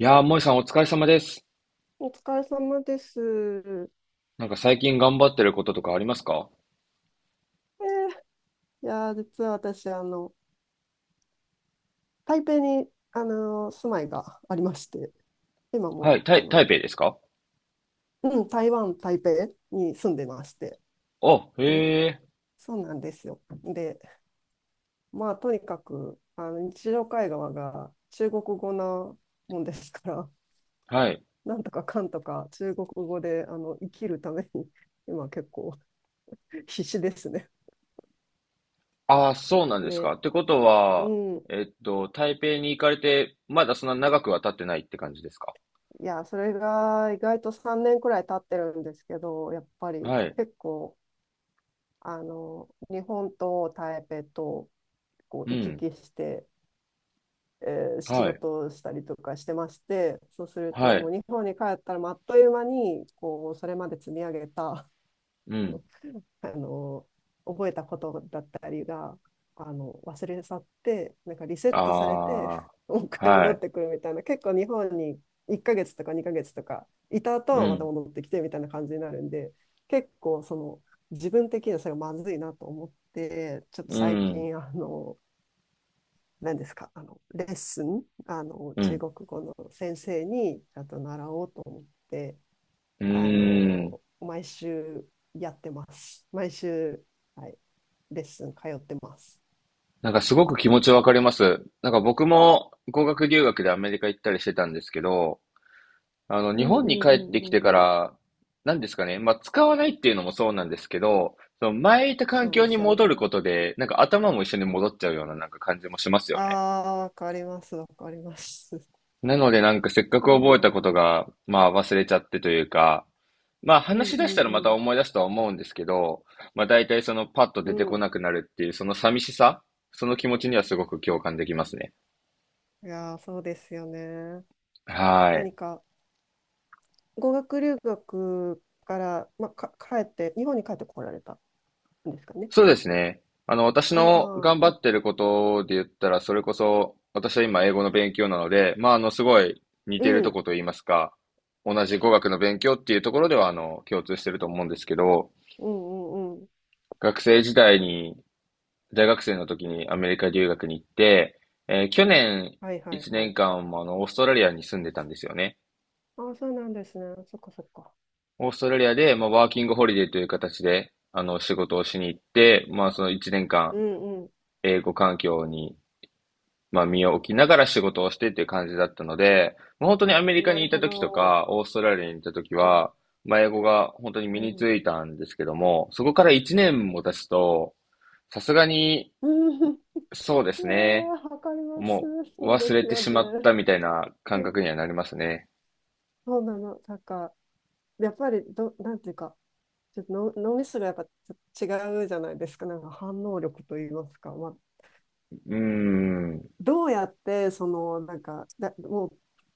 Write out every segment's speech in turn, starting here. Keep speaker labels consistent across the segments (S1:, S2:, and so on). S1: いやー、萌さんお疲れ様です。
S2: お疲れ様です。
S1: なんか最近頑張ってることとかありますか？
S2: 実は私、台北に、住まいがありまして、今
S1: は
S2: も、
S1: い、台北ですか？
S2: うん、台湾、台北に住んでまして。
S1: あ、へ
S2: で、
S1: え、
S2: そうなんですよ。で、まあ、とにかく、日常会話が中国語なもんですから、
S1: はい。
S2: なんとかかんとか中国語で、生きるために、今結構必死ですね。
S1: あー、そうなんですか。
S2: で、
S1: ってこと
S2: う
S1: は、
S2: ん、
S1: 台北に行かれて、まだそんな長くは経ってないって感じですか？
S2: いや、それが意外と3年くらい経ってるんですけど、やっぱり
S1: はい、
S2: 結構、日本と台北とこ
S1: う
S2: う行き
S1: ん、
S2: 来して、え仕
S1: はい、
S2: 事をしたりとかしてまして、そうすると
S1: は
S2: も
S1: い、
S2: う日本に帰ったらまああっという間に、こう、それまで積み上げた、
S1: う
S2: あ
S1: ん、
S2: のあの覚えたことだったりが忘れ去ってなんかリセットされて
S1: あー、
S2: もう一回戻
S1: は
S2: っ
S1: い、
S2: てくるみたいな。結構日本に1ヶ月とか2ヶ月とかいた
S1: う
S2: 後また
S1: ん、
S2: 戻ってきてみたいな感じになるんで、結構その、自分的にはそれがまずいなと思って、ちょっ
S1: う
S2: と最
S1: ん、
S2: 近、あの何ですかあのレッスン、
S1: う
S2: 中
S1: ん、
S2: 国語の先生にちゃんと習おうと思って、
S1: うーん。
S2: 毎週やってます。毎週、はい、レッスン通ってます。
S1: なんかすごく気持ちわかります。なんか僕も語学留学でアメリカ行ったりしてたんですけど、あの、
S2: う
S1: 日
S2: んう
S1: 本に
S2: んう
S1: 帰っ
S2: ん
S1: てきて
S2: う
S1: か
S2: んうん。
S1: ら、なんですかね、まあ、使わないっていうのもそうなんですけど、その前いた環
S2: そう
S1: 境
S2: で
S1: に
S2: すよ
S1: 戻る
S2: ね。
S1: ことで、なんか頭も一緒に戻っちゃうようななんか感じもします
S2: あ
S1: よね。
S2: あ、わかります、わかります。
S1: なのでなんかせっかく
S2: そう
S1: 覚え
S2: なん
S1: た
S2: で
S1: こと
S2: す。
S1: が、まあ忘れちゃってというか、まあ
S2: うん
S1: 話し出したらま
S2: う
S1: た
S2: ん
S1: 思い出すとは思うんですけど、まあ大体そのパッと
S2: う
S1: 出て
S2: ん。
S1: こ
S2: うん。
S1: なくなるっていう、その寂しさ、その気持ちにはすごく共感できますね。
S2: いやー、そうですよね。
S1: はい。
S2: 何か、語学留学から、帰って、日本に帰ってこられたんですかね。
S1: そうですね。あの、私
S2: あ
S1: の
S2: あ、
S1: 頑張
S2: な、
S1: ってることで言ったら、それこそ、私は今英語の勉強なので、まあ、あの、すごい似
S2: う
S1: てると
S2: ん、
S1: こと言いますか、同じ語学の勉強っていうところでは、あの、共通してると思うんですけど、
S2: うんうんうん。
S1: 学生時代に、大学生の時にアメリカ留学に行って、去年
S2: はいはい
S1: 1
S2: はい。
S1: 年間もあの、オーストラリアに住んでたんですよね。
S2: ああ、そうなんですね。そっかそっか。
S1: オーストラリアで、まあ、ワーキングホリデーという形で、あの、仕事をしに行って、まあ、その1年間、
S2: うん、
S1: 英語環境にまあ、身を置きながら仕事をしてっていう感じだったので、もう本当にアメリカ
S2: な
S1: に
S2: る
S1: いた
S2: ほ
S1: 時と
S2: ど。
S1: か、オーストラリアにいた時
S2: うん。
S1: は、まあ、英語が本当に
S2: う
S1: 身に
S2: ん。
S1: ついたんですけども、そこから1年も経つと、さすがに、
S2: うん、
S1: そうで
S2: い
S1: す
S2: や
S1: ね、
S2: ー、わかります。
S1: もう
S2: そうで
S1: 忘
S2: す
S1: れて
S2: よ
S1: しまっ
S2: ね。
S1: たみたいな感 覚にはなりますね。
S2: そうなの。なんか、やっぱりど、なんていうか、ちょっとの脳みそがやっぱちょっと違うじゃないですか。なんか反応力といいますか。まあ、
S1: うーん、
S2: どうやって、その、も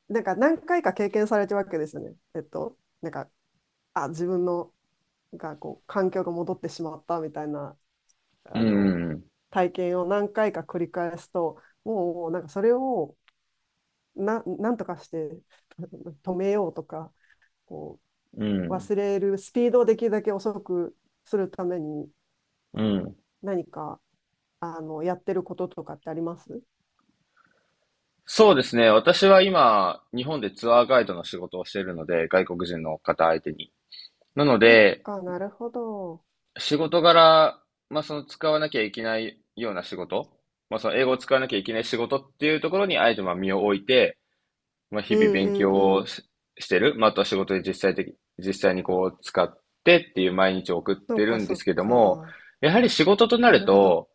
S2: う、なんか何回か経験されてるわけですよね。自分の、がこう、環境が戻ってしまったみたいな、
S1: う
S2: あの
S1: ん、
S2: 体験を何回か繰り返すと、もうなんかそれをなんとかして止めようとか、こ
S1: う
S2: う
S1: ん、
S2: 忘れるスピードをできるだけ遅くするために、
S1: うん。
S2: 何かあのやってることとかってあります
S1: そうですね。私は今、日本でツアーガイドの仕事をしているので、外国人の方相手に。なの
S2: と
S1: で、
S2: か。なるほど。
S1: 仕事柄、まあ、その使わなきゃいけないような仕事、まあ、その英語を使わなきゃいけない仕事っていうところに、あえてまあ身を置いて、まあ、日
S2: うん
S1: 々
S2: う
S1: 勉
S2: ん
S1: 強
S2: う
S1: を
S2: ん。
S1: し、してる、まあ、あとは仕事で実際にこう使ってっていう毎日を送っ
S2: そ
S1: て
S2: っ
S1: る
S2: か
S1: んで
S2: そ
S1: す
S2: っ
S1: けども、
S2: か。
S1: やはり仕事とな
S2: な
S1: る
S2: るほど。
S1: と、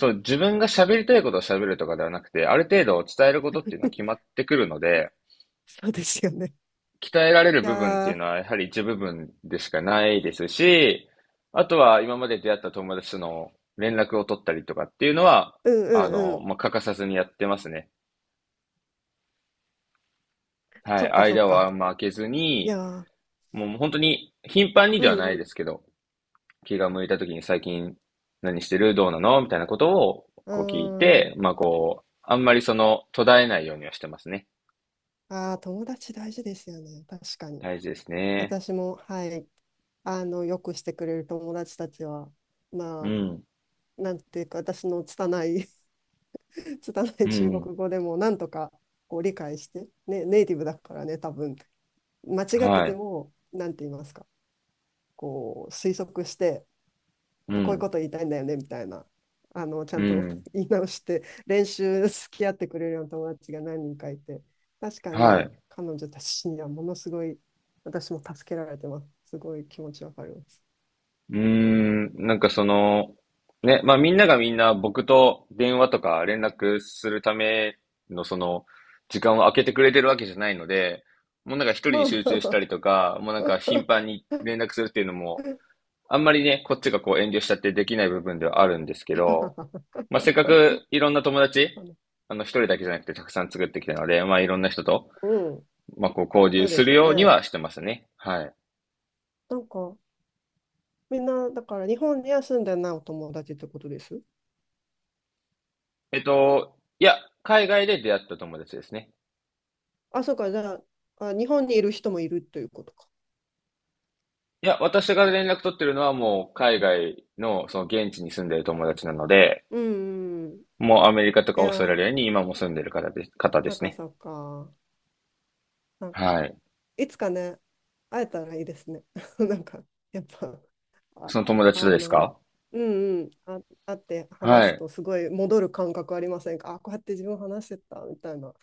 S1: その自分が喋りたいことを喋るとかではなくて、ある程度伝えることっていうのは決 まってくるので、
S2: そうですよね。
S1: 鍛えられる
S2: いや
S1: 部分っていう
S2: ー、
S1: のは、やはり一部分でしかないですし、あとは今まで出会った友達との連絡を取ったりとかっていうのは、
S2: うん
S1: あ
S2: うんう
S1: の、
S2: ん。
S1: まあ、欠かさずにやってますね。は
S2: そ
S1: い。
S2: っかそっ
S1: 間を
S2: か。
S1: あんま空けず
S2: いや
S1: に、
S2: ー、
S1: もう本当に頻繁に
S2: う
S1: ではないで
S2: ん
S1: すけど、気が向いた時に最近何してるどうなのみたいなことを
S2: う
S1: こう聞い
S2: ん。うー
S1: て、
S2: ん。
S1: まあこう、あんまりその途絶えないようにはしてますね。
S2: ああ、友達大事ですよね。確かに。
S1: 大事ですね。
S2: 私も、はい。よくしてくれる友達たちは、ま
S1: う
S2: あ、
S1: ん。
S2: なんていうか、私の拙い 拙
S1: う
S2: い中
S1: ん。
S2: 国語でも、なんとかこう理解して、ね、ネイティブだからね、多分、間違って
S1: は
S2: て
S1: い。
S2: も、なんて言いますか、こう、推測して、
S1: う
S2: こういう
S1: ん。
S2: こと言いたいんだよねみたいな、ちゃ
S1: う
S2: んと
S1: ん。
S2: 言い直して練習付き合ってくれるような友達が何人かいて、確か
S1: は
S2: に
S1: い。
S2: 彼女たちにはものすごい私も助けられてます。すごい気持ちわかります。
S1: うーん、なんかその、ね、まあみんながみんな僕と電話とか連絡するためのその時間を空けてくれてるわけじゃないので、もうなんか一人
S2: ま
S1: に
S2: あま
S1: 集
S2: あ
S1: 中した
S2: ま
S1: りとか、もうなんか頻
S2: あ。
S1: 繁に 連絡するっていうのも、あんまりね、こっちがこう遠慮しちゃってできない部分ではあるんですけど、まあせっかくいろんな友達、あの一人だけじゃなくてたくさん作ってきたので、まあいろんな人と、
S2: うん、
S1: まあこう交
S2: そ
S1: 流
S2: うで
S1: す
S2: す
S1: る
S2: よ
S1: ように
S2: ね。
S1: はしてますね。はい。
S2: なんか、みんなだから日本には住んでないお友達ってことです？
S1: いや、海外で出会った友達ですね。
S2: あ、そうか。じゃああ日本にいる人もいるということか。
S1: いや、私が連絡取ってるのはもう海外のその現地に住んでる友達なので、
S2: うんうん、
S1: もうアメリカとかオーストラ
S2: や
S1: リアに今も住んでる方で
S2: なん
S1: す
S2: か
S1: ね。
S2: そうか。なんか、
S1: はい。
S2: いつかね、会えたらいいですね。なんか、やっぱ、あ、
S1: その友達と
S2: あ
S1: です
S2: の、
S1: か？
S2: うんうん、あ、会って話
S1: は
S2: す
S1: い。
S2: とすごい戻る感覚ありませんか？あ、こうやって自分話してたみたいな。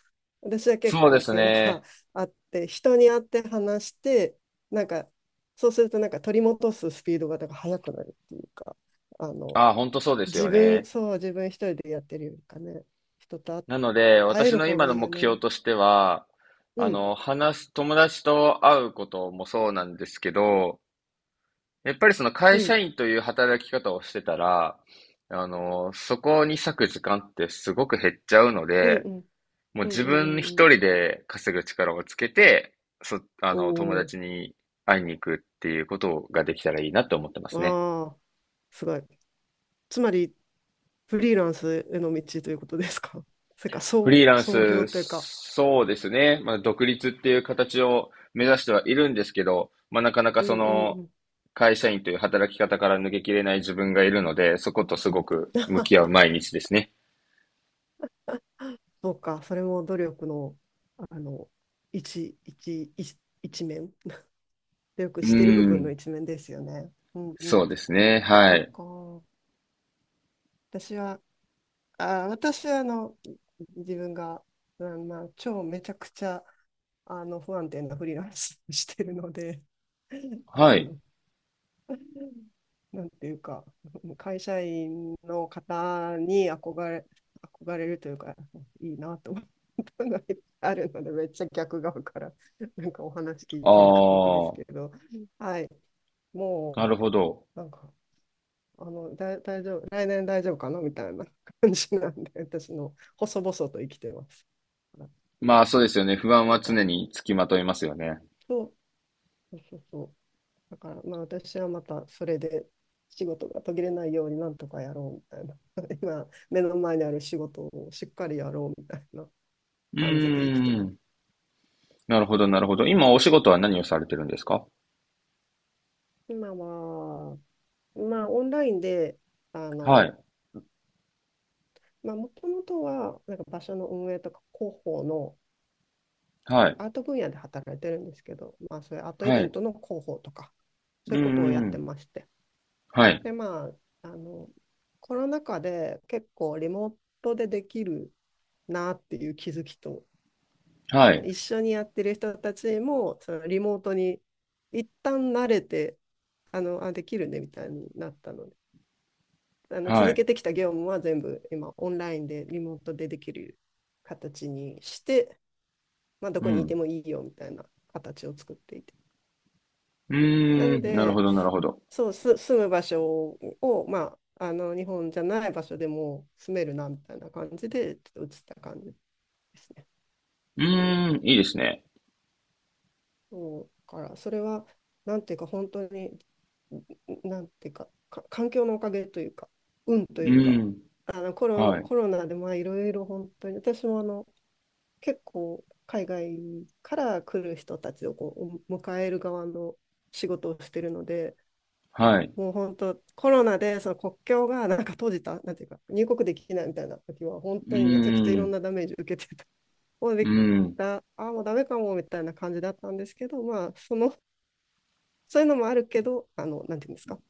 S2: 私は結
S1: そうで
S2: 構
S1: す
S2: そういうのが
S1: ね。
S2: あって、人に会って話して、なんか、そうするとなんか取り戻すスピードがなんか速くなるっていうか、あの、
S1: あ、本当そうです
S2: 自
S1: よ
S2: 分、
S1: ね。
S2: そう、自分一人でやってるよりかね、人と
S1: なので、
S2: 会え
S1: 私
S2: る
S1: の
S2: 方
S1: 今
S2: が
S1: の
S2: いいよ
S1: 目
S2: ね。
S1: 標としては、
S2: う
S1: あ
S2: ん、
S1: の、話す、友達と会うこともそうなんですけど、やっぱりその会
S2: う
S1: 社
S2: ん、
S1: 員という働き方をしてたら、あの、そこに割く時間ってすごく減っちゃうの
S2: うん、
S1: で、
S2: うん。
S1: もう
S2: うん
S1: 自
S2: うんう
S1: 分一
S2: んうん。
S1: 人で稼ぐ力をつけて、あの、友
S2: お、
S1: 達に会いに行くっていうことができたらいいなって思ってま
S2: お、
S1: すね。
S2: ああ、すごい。つまり、フリーランスへの道ということですか？それか、
S1: フリーラン
S2: 創業
S1: ス、
S2: というか。
S1: そうですね。まあ、独立っていう形を目指してはいるんですけど、まあ、なかなか
S2: う
S1: そ
S2: んうんう
S1: の、
S2: ん。
S1: 会社員という働き方から抜けきれない自分がいるので、そことすごく向き合う 毎日ですね。
S2: そうか、それも努力の、あの、一面。努力
S1: うー
S2: している部分の
S1: ん、
S2: 一面ですよね。うんう
S1: そう
S2: ん。
S1: ですね。は
S2: そっ
S1: い。
S2: か。私は、あー、私は、あの、自分が、うん、まあ、超めちゃくちゃ、あの、不安定なフリーランスをしてるので、
S1: は
S2: あ
S1: い。
S2: の、なんていうか、会社員の方に憧れ、憧れるというか、いいなと思ったのがあるので、めっちゃ逆側からなんかお話聞い
S1: あ
S2: てる感じです
S1: あ、
S2: けど、はい、
S1: なる
S2: も
S1: ほど。
S2: うなんか、大丈夫、来年大丈夫かなみたいな感じなんで、私の細々と生きてます。
S1: まあそうですよね。不安
S2: なん
S1: は
S2: か、
S1: 常につきまといますよね。
S2: そそうそうそう。だから、まあ、私はまたそれで仕事が途切れないようになんとかやろうみたいな。今、目の前にある仕事をしっかりやろうみたいな
S1: う
S2: 感じで生きて
S1: ー
S2: ます。
S1: ん。なるほど、なるほど。今お仕事は何をされてるんですか？
S2: 今は、まあ、オンラインで、あ
S1: は
S2: の、
S1: い、
S2: まあ、もともとは、なんか場所の運営とか広報の、
S1: はい、
S2: アート分野で働いてるんですけど、まあ、そういうアートイ
S1: は
S2: ベン
S1: い。
S2: トの広報とか、
S1: う
S2: そ
S1: ん、
S2: ういうことを
S1: うん
S2: や
S1: う
S2: って
S1: ん、
S2: まして。
S1: はい、
S2: で、まあ、あの、コロナ禍で結構リモートでできるなっていう気づきと、
S1: は
S2: あと
S1: い、
S2: 一緒にやってる人たちも、そのリモートに一旦慣れて、できるねみたいになったので、あの
S1: は
S2: 続
S1: い。
S2: けてきた業務は全部今オンラインでリモートでできる形にして、まあ、ど
S1: う
S2: こにいて
S1: ん。
S2: もいいよみたいな形を作っていて。
S1: う
S2: なの
S1: ーん、なるほ
S2: で、
S1: ど、なるほど。
S2: 住む場所を、まあ、あの日本じゃない場所でも住めるなみたいな感じで、ちょっと移った感じですね。
S1: うーん、いいですね。
S2: そうからそれは、なんていうか本当に、なんていうか、か環境のおかげというか、運と
S1: う
S2: いう
S1: ー
S2: か、
S1: ん、はい、
S2: コロナでまあいろいろ本当に私もあの結構、海外から来る人たちをこう迎える側の仕事をしてるので、
S1: はい。
S2: もう本当コロナでその国境がなんか閉じた、なんていうか入国できないみたいな時は、本
S1: う
S2: 当にめちゃくちゃ
S1: ー
S2: いろん
S1: ん、
S2: なダメージを受けてた。もう
S1: う
S2: でき
S1: ん、
S2: た あ、もうダメかもみたいな感じだったんですけど、まあその、そういうのもあるけど、あの、なんていうんですか、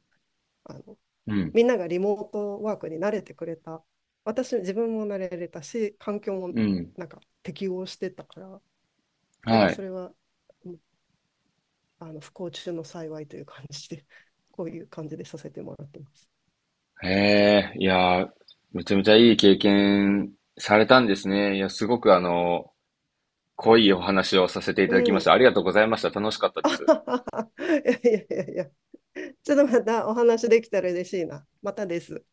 S2: あの、
S1: うん、
S2: みんながリモートワークに慣れてくれた、私、自分も慣れれたし、環境も
S1: うん、
S2: なんか適応してたから、なん
S1: は
S2: かそ
S1: い。
S2: れは、あの、不幸中の幸いという感じで、こういう感じでさせてもらってます。
S1: へえ、いやー、めちゃめちゃいい経験されたんですね。いや、すごくあの、濃いお話をさせてい
S2: う
S1: ただきまし
S2: ん。
S1: た。ありがとうございました。楽しかった で
S2: あ
S1: す。
S2: ははは。いやいやいやいや。ちょっとまたお話できたら嬉しいな。またです。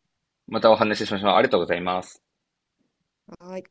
S1: またお話ししましょう。ありがとうございます。
S2: はい。